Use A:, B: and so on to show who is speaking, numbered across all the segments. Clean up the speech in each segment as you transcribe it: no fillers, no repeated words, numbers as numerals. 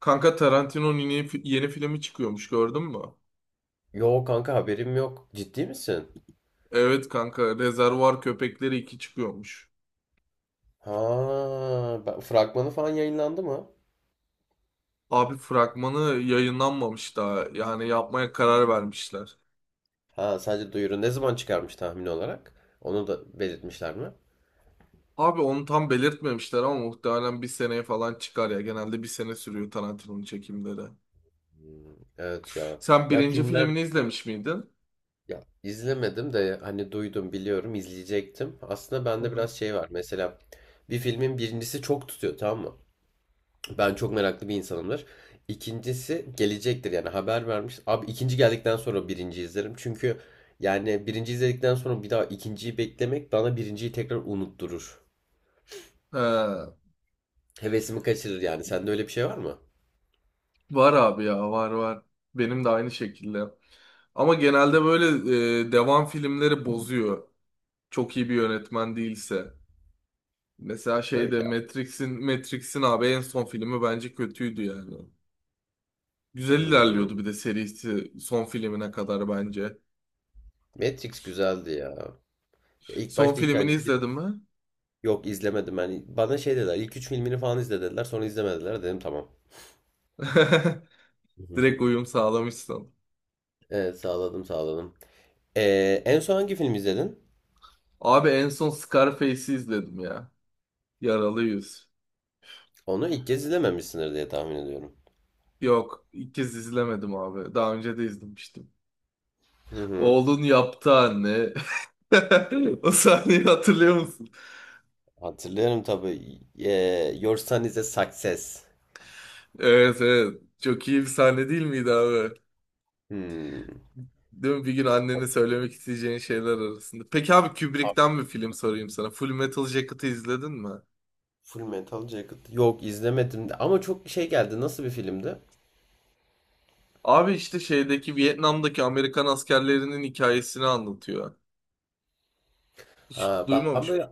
A: Kanka Tarantino'nun yeni filmi çıkıyormuş gördün mü?
B: Yo kanka haberim yok. Ciddi misin?
A: Evet kanka Rezervuar Köpekleri 2 çıkıyormuş.
B: Ha, fragmanı falan yayınlandı mı?
A: Abi fragmanı yayınlanmamış daha. Yani yapmaya karar vermişler.
B: Ha, sadece duyuru. Ne zaman çıkarmış tahmin olarak? Onu da belirtmişler mi?
A: Abi onu tam belirtmemişler ama muhtemelen bir seneye falan çıkar ya. Genelde bir sene sürüyor Tarantino'nun çekimleri.
B: Hmm, evet ya.
A: Sen
B: Ya
A: birinci
B: filmler
A: filmini izlemiş miydin?
B: ya izlemedim de hani duydum biliyorum izleyecektim. Aslında bende
A: Aha.
B: biraz şey var. Mesela bir filmin birincisi çok tutuyor, tamam mı? Ben çok meraklı bir insanımdır. İkincisi gelecektir yani haber vermiş. Abi ikinci geldikten sonra birinci izlerim. Çünkü yani birinci izledikten sonra bir daha ikinciyi beklemek bana birinciyi tekrar unutturur.
A: He,
B: Hevesimi kaçırır yani. Sende öyle bir şey var mı?
A: var abi ya, var. Benim de aynı şekilde. Ama genelde böyle devam filmleri bozuyor. Çok iyi bir yönetmen değilse. Mesela şeyde
B: Öyle.
A: Matrix'in abi en son filmi bence kötüydü yani. Güzel
B: Hmm.
A: ilerliyordu bir de serisi son filmine kadar bence.
B: Matrix güzeldi ya. Ya İlk
A: Son
B: başta ilk
A: filmini
B: hangisi bir.
A: izledin mi?
B: Yok, izlemedim yani. Bana şey dediler, ilk üç filmini falan izle dediler, sonra izlemediler dedim tamam.
A: Direkt uyum sağlamışsın.
B: Evet, sağladım sağladım. En son hangi film izledin?
A: Abi en son Scarface'i izledim ya. Yaralı Yüz.
B: Onu ilk kez izlememişsindir diye tahmin ediyorum.
A: Yok, ilk kez izlemedim abi. Daha önce de izlemiştim.
B: Hı hı.
A: Oğlun yaptı anne. O sahneyi hatırlıyor musun?
B: Hatırlıyorum tabii. Your Son is a Success.
A: Evet, evet. Çok iyi bir sahne değil miydi abi?
B: Hmm.
A: Değil mi? Bir gün annene söylemek isteyeceğin şeyler arasında. Peki abi
B: Abi,
A: Kubrick'ten bir film sorayım sana. Full Metal Jacket'ı izledin mi?
B: Full Metal Jacket. Yok, izlemedim de. Ama çok şey geldi. Nasıl bir filmdi?
A: Abi işte şeydeki Vietnam'daki Amerikan askerlerinin hikayesini anlatıyor. Hiç
B: Ha, ben
A: duymamış mı?
B: böyle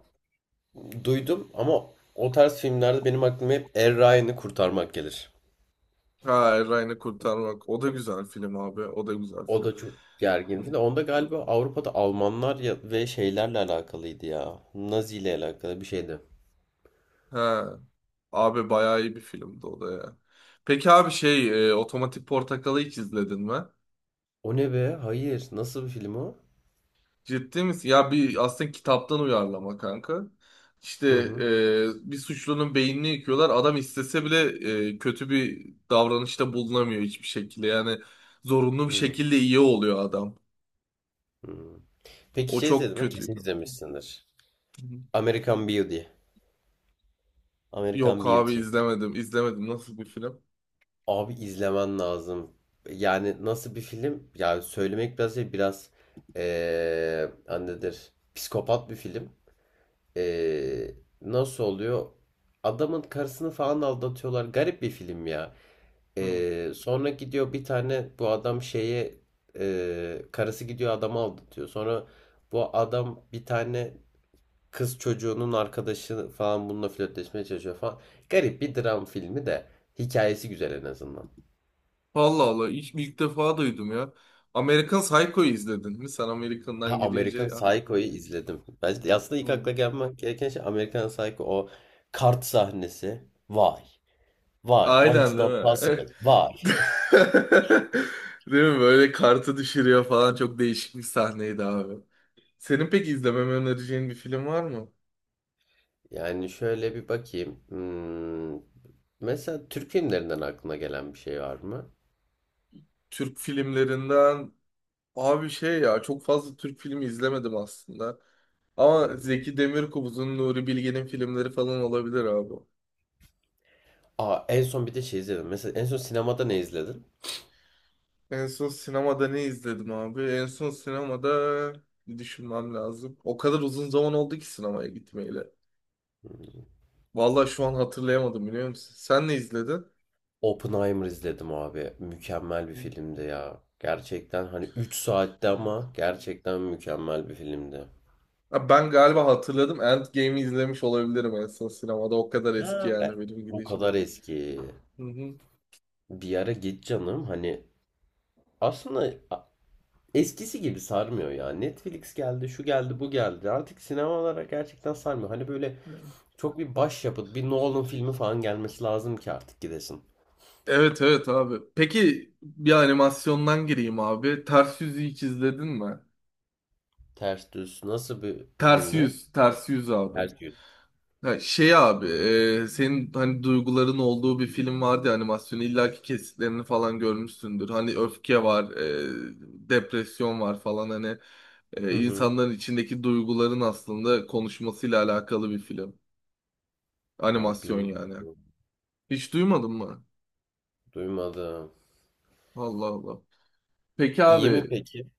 B: duydum ama o tarz filmlerde benim aklıma hep Er Ryan'ı Kurtarmak gelir.
A: Ha, Ryan'ı kurtarmak. O da güzel film abi. O da güzel
B: O
A: film.
B: da çok gergin
A: Hı.
B: film. Onda galiba Avrupa'da Almanlar ya, ve şeylerle alakalıydı ya. Nazi ile alakalı bir şeydi.
A: Ha, abi bayağı iyi bir filmdi o da ya. Peki abi şey Otomatik Portakal'ı hiç izledin mi?
B: O ne be? Hayır. Nasıl bir film o?
A: Ciddi misin? Ya bir aslında kitaptan uyarlama kanka. İşte
B: Hı hı.
A: bir suçlunun beynini yıkıyorlar. Adam istese bile kötü bir davranışta bulunamıyor hiçbir şekilde. Yani zorunlu bir
B: Hı
A: şekilde iyi oluyor adam.
B: hı. Peki
A: O
B: şey
A: çok
B: izledin mi? Kesin
A: kötüydü.
B: izlemişsindir.
A: Hı hı.
B: American Beauty. American
A: Yok abi
B: Beauty.
A: izlemedim. İzlemedim. Nasıl bir film?
B: Abi izlemen lazım. Yani nasıl bir film? Yani söylemek biraz şey biraz annedir. Psikopat bir film. Eee, nasıl oluyor? Adamın karısını falan aldatıyorlar. Garip bir film ya.
A: Hı.
B: Sonra gidiyor bir tane bu adam şeye karısı gidiyor adamı aldatıyor. Sonra bu adam bir tane kız çocuğunun arkadaşı falan bununla flörtleşmeye çalışıyor falan. Garip bir dram filmi de hikayesi güzel en azından.
A: Allah Allah. İlk defa duydum ya. American Psycho'yu izledin mi? Sen
B: Ha,
A: American'dan
B: American
A: girince aklıma.
B: Psycho'yu izledim. Bence aslında ilk
A: Hı.
B: akla gelmek gereken şey American Psycho, o kart sahnesi. Vay. Vay. Why is
A: Aynen değil
B: not
A: mi?
B: possible? Vay.
A: Değil mi? Böyle kartı düşürüyor falan, çok değişik bir sahneydi abi. Senin peki izlememi önereceğin bir film var mı?
B: Yani şöyle bir bakayım. Mesela Türk filmlerinden aklına gelen bir şey var mı?
A: Türk filmlerinden abi şey ya, çok fazla Türk filmi izlemedim aslında. Ama
B: Hmm.
A: Zeki Demirkubuz'un, Nuri Bilge'nin filmleri falan olabilir abi.
B: Aa, en son bir de şey izledim. Mesela en son sinemada ne izledin?
A: En son sinemada ne izledim abi? En son sinemada bir düşünmem lazım. O kadar uzun zaman oldu ki sinemaya gitmeyeli. Vallahi şu an hatırlayamadım, biliyor musun? Sen ne izledin?
B: Oppenheimer izledim abi. Mükemmel bir filmdi ya. Gerçekten hani 3 saatte ama gerçekten mükemmel bir filmdi.
A: Ha, ben galiba hatırladım. Endgame'i izlemiş olabilirim en son sinemada. O kadar eski
B: Ha,
A: yani benim
B: o
A: gidişim.
B: kadar eski.
A: Hı hı.
B: Bir ara git canım, hani aslında eskisi gibi sarmıyor ya. Netflix geldi, şu geldi, bu geldi. Artık sinemalara gerçekten sarmıyor. Hani böyle çok bir başyapıt, bir Nolan filmi falan gelmesi lazım ki artık gidesin.
A: Evet, evet abi. Peki bir animasyondan gireyim abi. Ters Yüz'ü hiç izledin mi?
B: Ters Düz nasıl bir
A: Ters
B: filmdi?
A: Yüz, Ters Yüz abi.
B: Ters Yüz.
A: Ha, şey abi, senin hani duyguların olduğu bir film vardı ya animasyonu. İllaki kesitlerini falan görmüşsündür. Hani öfke var, depresyon var falan, hani
B: Hı hı.
A: insanların içindeki duyguların aslında konuşmasıyla alakalı bir film.
B: Aa,
A: Animasyon yani.
B: bilmiyorum.
A: Hiç duymadın mı?
B: Duymadım.
A: Allah Allah. Peki
B: İyi mi
A: abi
B: peki?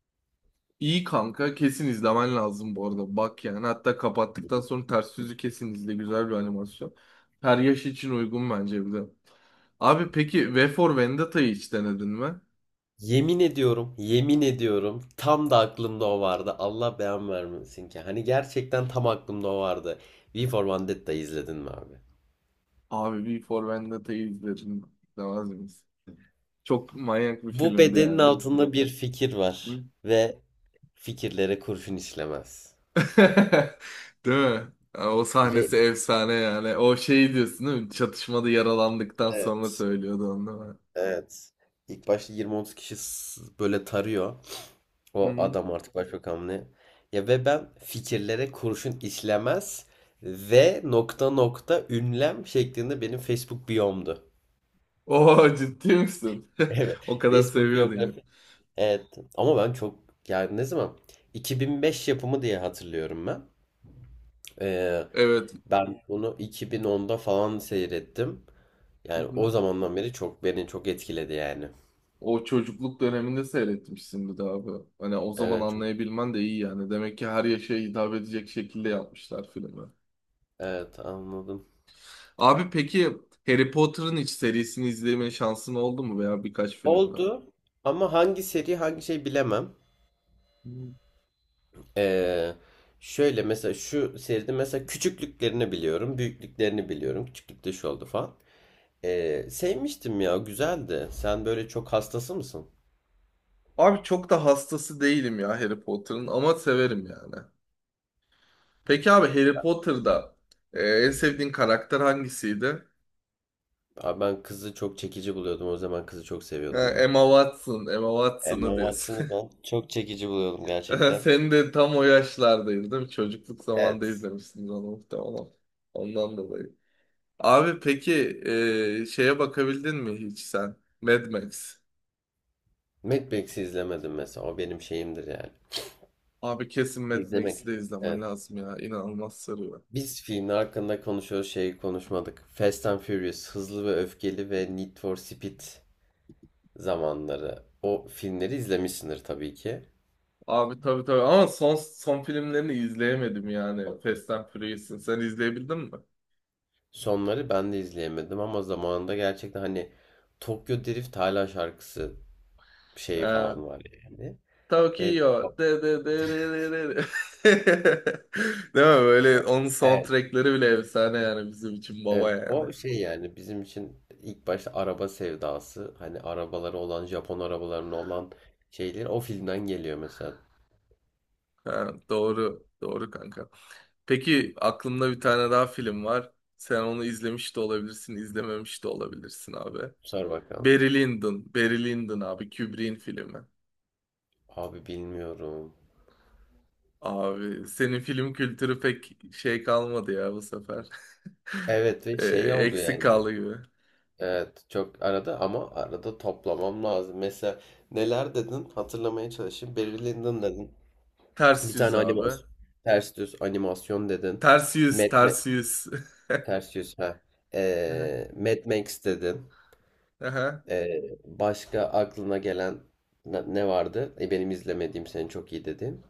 A: iyi kanka, kesin izlemen lazım bu arada. Bak yani, hatta kapattıktan sonra ters yüzü kesin izle, güzel bir animasyon. Her yaş için uygun bence bir de. Abi peki V for Vendetta'yı hiç denedin mi?
B: Yemin ediyorum, yemin ediyorum, tam da aklımda o vardı. Allah beyan vermesin ki. Hani gerçekten tam aklımda o vardı. V for Vendetta izledin mi abi?
A: Abi V for Vendetta'yı izledim. Demez miyiz? Çok manyak bir
B: Bu
A: filmdi
B: bedenin
A: yani.
B: altında bir fikir var
A: Hı?
B: ve fikirlere kurşun işlemez.
A: Değil mi? Yani o
B: Ve
A: sahnesi efsane yani. O şey diyorsun değil mi? Çatışmada yaralandıktan sonra
B: Evet.
A: söylüyordu onu değil mi?
B: Evet, İlk başta 20-30 kişi böyle tarıyor. O
A: Hı-hı.
B: adam artık başbakan ne? Ya, ve ben fikirlere kurşun işlemez ve nokta nokta ünlem şeklinde benim Facebook biyomdu.
A: Oo, ciddi misin?
B: Evet.
A: O kadar
B: Facebook
A: seviyordun ya.
B: biyografi. Evet. Ama ben çok, yani ne zaman, 2005 yapımı diye hatırlıyorum ben. Ee,
A: Evet.
B: ben bunu 2010'da falan seyrettim. Yani
A: Hı-hı.
B: o zamandan beri çok beni çok etkiledi yani.
A: O çocukluk döneminde seyretmişsin bir daha bu. Hani o zaman
B: Evet.
A: anlayabilmen de iyi yani. Demek ki her yaşa hitap edecek şekilde yapmışlar filmi.
B: Evet, anladım.
A: Abi peki Harry Potter'ın hiç serisini izleme şansın oldu mu veya birkaç filmini?
B: Oldu ama hangi seri hangi şey bilemem. Ee, şöyle mesela şu seride mesela küçüklüklerini biliyorum, büyüklüklerini biliyorum. Küçüklükte şu oldu falan. Sevmiştim ya, güzeldi. Sen böyle çok hastası mısın?
A: Abi çok da hastası değilim ya Harry Potter'ın, ama severim yani. Peki abi Harry Potter'da en sevdiğin karakter hangisiydi?
B: Abi ben kızı çok çekici buluyordum. O zaman kızı çok
A: Ha,
B: seviyordum ya.
A: Emma Watson, Emma
B: Emma
A: Watson'ı
B: Watson'ı
A: diyorsun.
B: ben çok çekici buluyordum gerçekten.
A: Sen de tam o yaşlardaydın değil mi? Çocukluk zamanında
B: Evet.
A: izlemişsin onu muhtemelen. Ondan dolayı. Abi peki şeye bakabildin mi hiç sen? Mad Max.
B: Mad Max'i izlemedim mesela. O benim şeyimdir yani.
A: Abi kesin Mad Max'i de
B: İzlemek.
A: izlemen
B: Evet.
A: lazım ya. İnanılmaz sarıyor.
B: Biz filmin hakkında konuşuyoruz, şeyi konuşmadık. Fast and Furious, Hızlı ve Öfkeli ve Need for Speed zamanları. O filmleri izlemişsindir tabii ki.
A: Abi tabii, tabii, ama son filmlerini izleyemedim yani. Fast and Furious'ın. Sen izleyebildin mi?
B: Sonları ben de izleyemedim ama zamanında gerçekten hani Tokyo Drift hala şarkısı şeyi
A: Ee,
B: falan var yani. Ve
A: Tokyo. De de de de de de. De. Değil mi? Böyle onun
B: evet,
A: soundtrackleri bile efsane yani, bizim için baba
B: evet,
A: yani.
B: o şey yani, bizim için ilk başta araba sevdası, hani arabaları olan, Japon arabalarının olan şeyler o filmden geliyor mesela.
A: Ha, doğru. Doğru kanka. Peki aklımda bir tane daha film var. Sen onu izlemiş de olabilirsin, izlememiş de olabilirsin abi.
B: Sor bakalım.
A: Barry Lyndon. Barry Lyndon abi. Kubrick'in filmi.
B: Abi bilmiyorum.
A: Abi senin film kültürü pek şey kalmadı ya bu sefer.
B: Evet, ve
A: Ee,
B: şey oldu
A: eksik
B: yani.
A: kaldı gibi.
B: Evet, çok arada ama arada toplamam lazım. Mesela neler dedin, hatırlamaya çalışayım. Barry Lyndon dedin.
A: Ters
B: Bir
A: yüz
B: tane
A: abi.
B: animasyon. Ters düz animasyon dedin.
A: Ters
B: Mad,
A: yüz,
B: Ma-
A: ters yüz.
B: ters düz, ha.
A: Aha.
B: Mad Max dedin.
A: Aha.
B: Başka aklına gelen ne vardı? Benim izlemediğim, senin çok iyi dedin.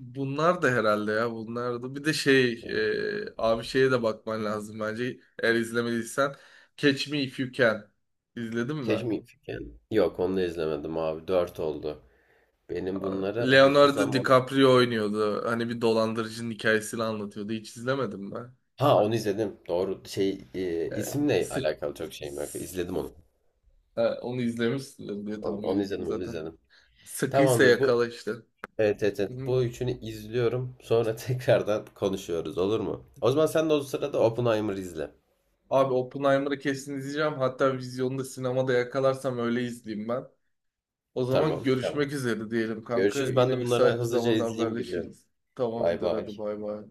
A: Bunlar da herhalde ya, bunlar da. Bir de şey abi şeye de bakman lazım bence. Eğer izlemediysen Catch Me If You Can. İzledin mi?
B: Keşke mi Figen? Yok, onu da izlemedim abi. Dört oldu. Benim bunlara
A: Abi,
B: hızlı
A: Leonardo
B: zaman.
A: DiCaprio oynuyordu. Hani bir dolandırıcının hikayesini anlatıyordu. Hiç izlemedim ben.
B: Ha, onu izledim. Doğru.
A: E,
B: İsimle
A: sık-
B: alakalı çok şeyim yok. İzledim onu.
A: Ha, onu izlemişsindir diye
B: Onu,
A: tahmin
B: onu
A: ettim
B: izledim, onu
A: zaten.
B: izledim.
A: Sıkıysa
B: Tamamdır bu.
A: yakala işte.
B: Evet, evet,
A: Hı
B: evet.
A: hı.
B: Bu üçünü izliyorum. Sonra tekrardan konuşuyoruz, olur mu? O zaman sen de o sırada Oppenheimer izle.
A: Abi Oppenheimer'ı kesin izleyeceğim. Hatta vizyonda sinemada yakalarsam öyle izleyeyim ben. O zaman
B: Tamam. Tamam.
A: görüşmek üzere diyelim kanka.
B: Görüşürüz. Ben
A: Yine
B: de bunlara
A: müsait bir
B: hızlıca
A: zamanda
B: izleyeyim, gidiyorum.
A: haberleşiriz.
B: Bay
A: Tamamdır,
B: bay.
A: hadi bay bay.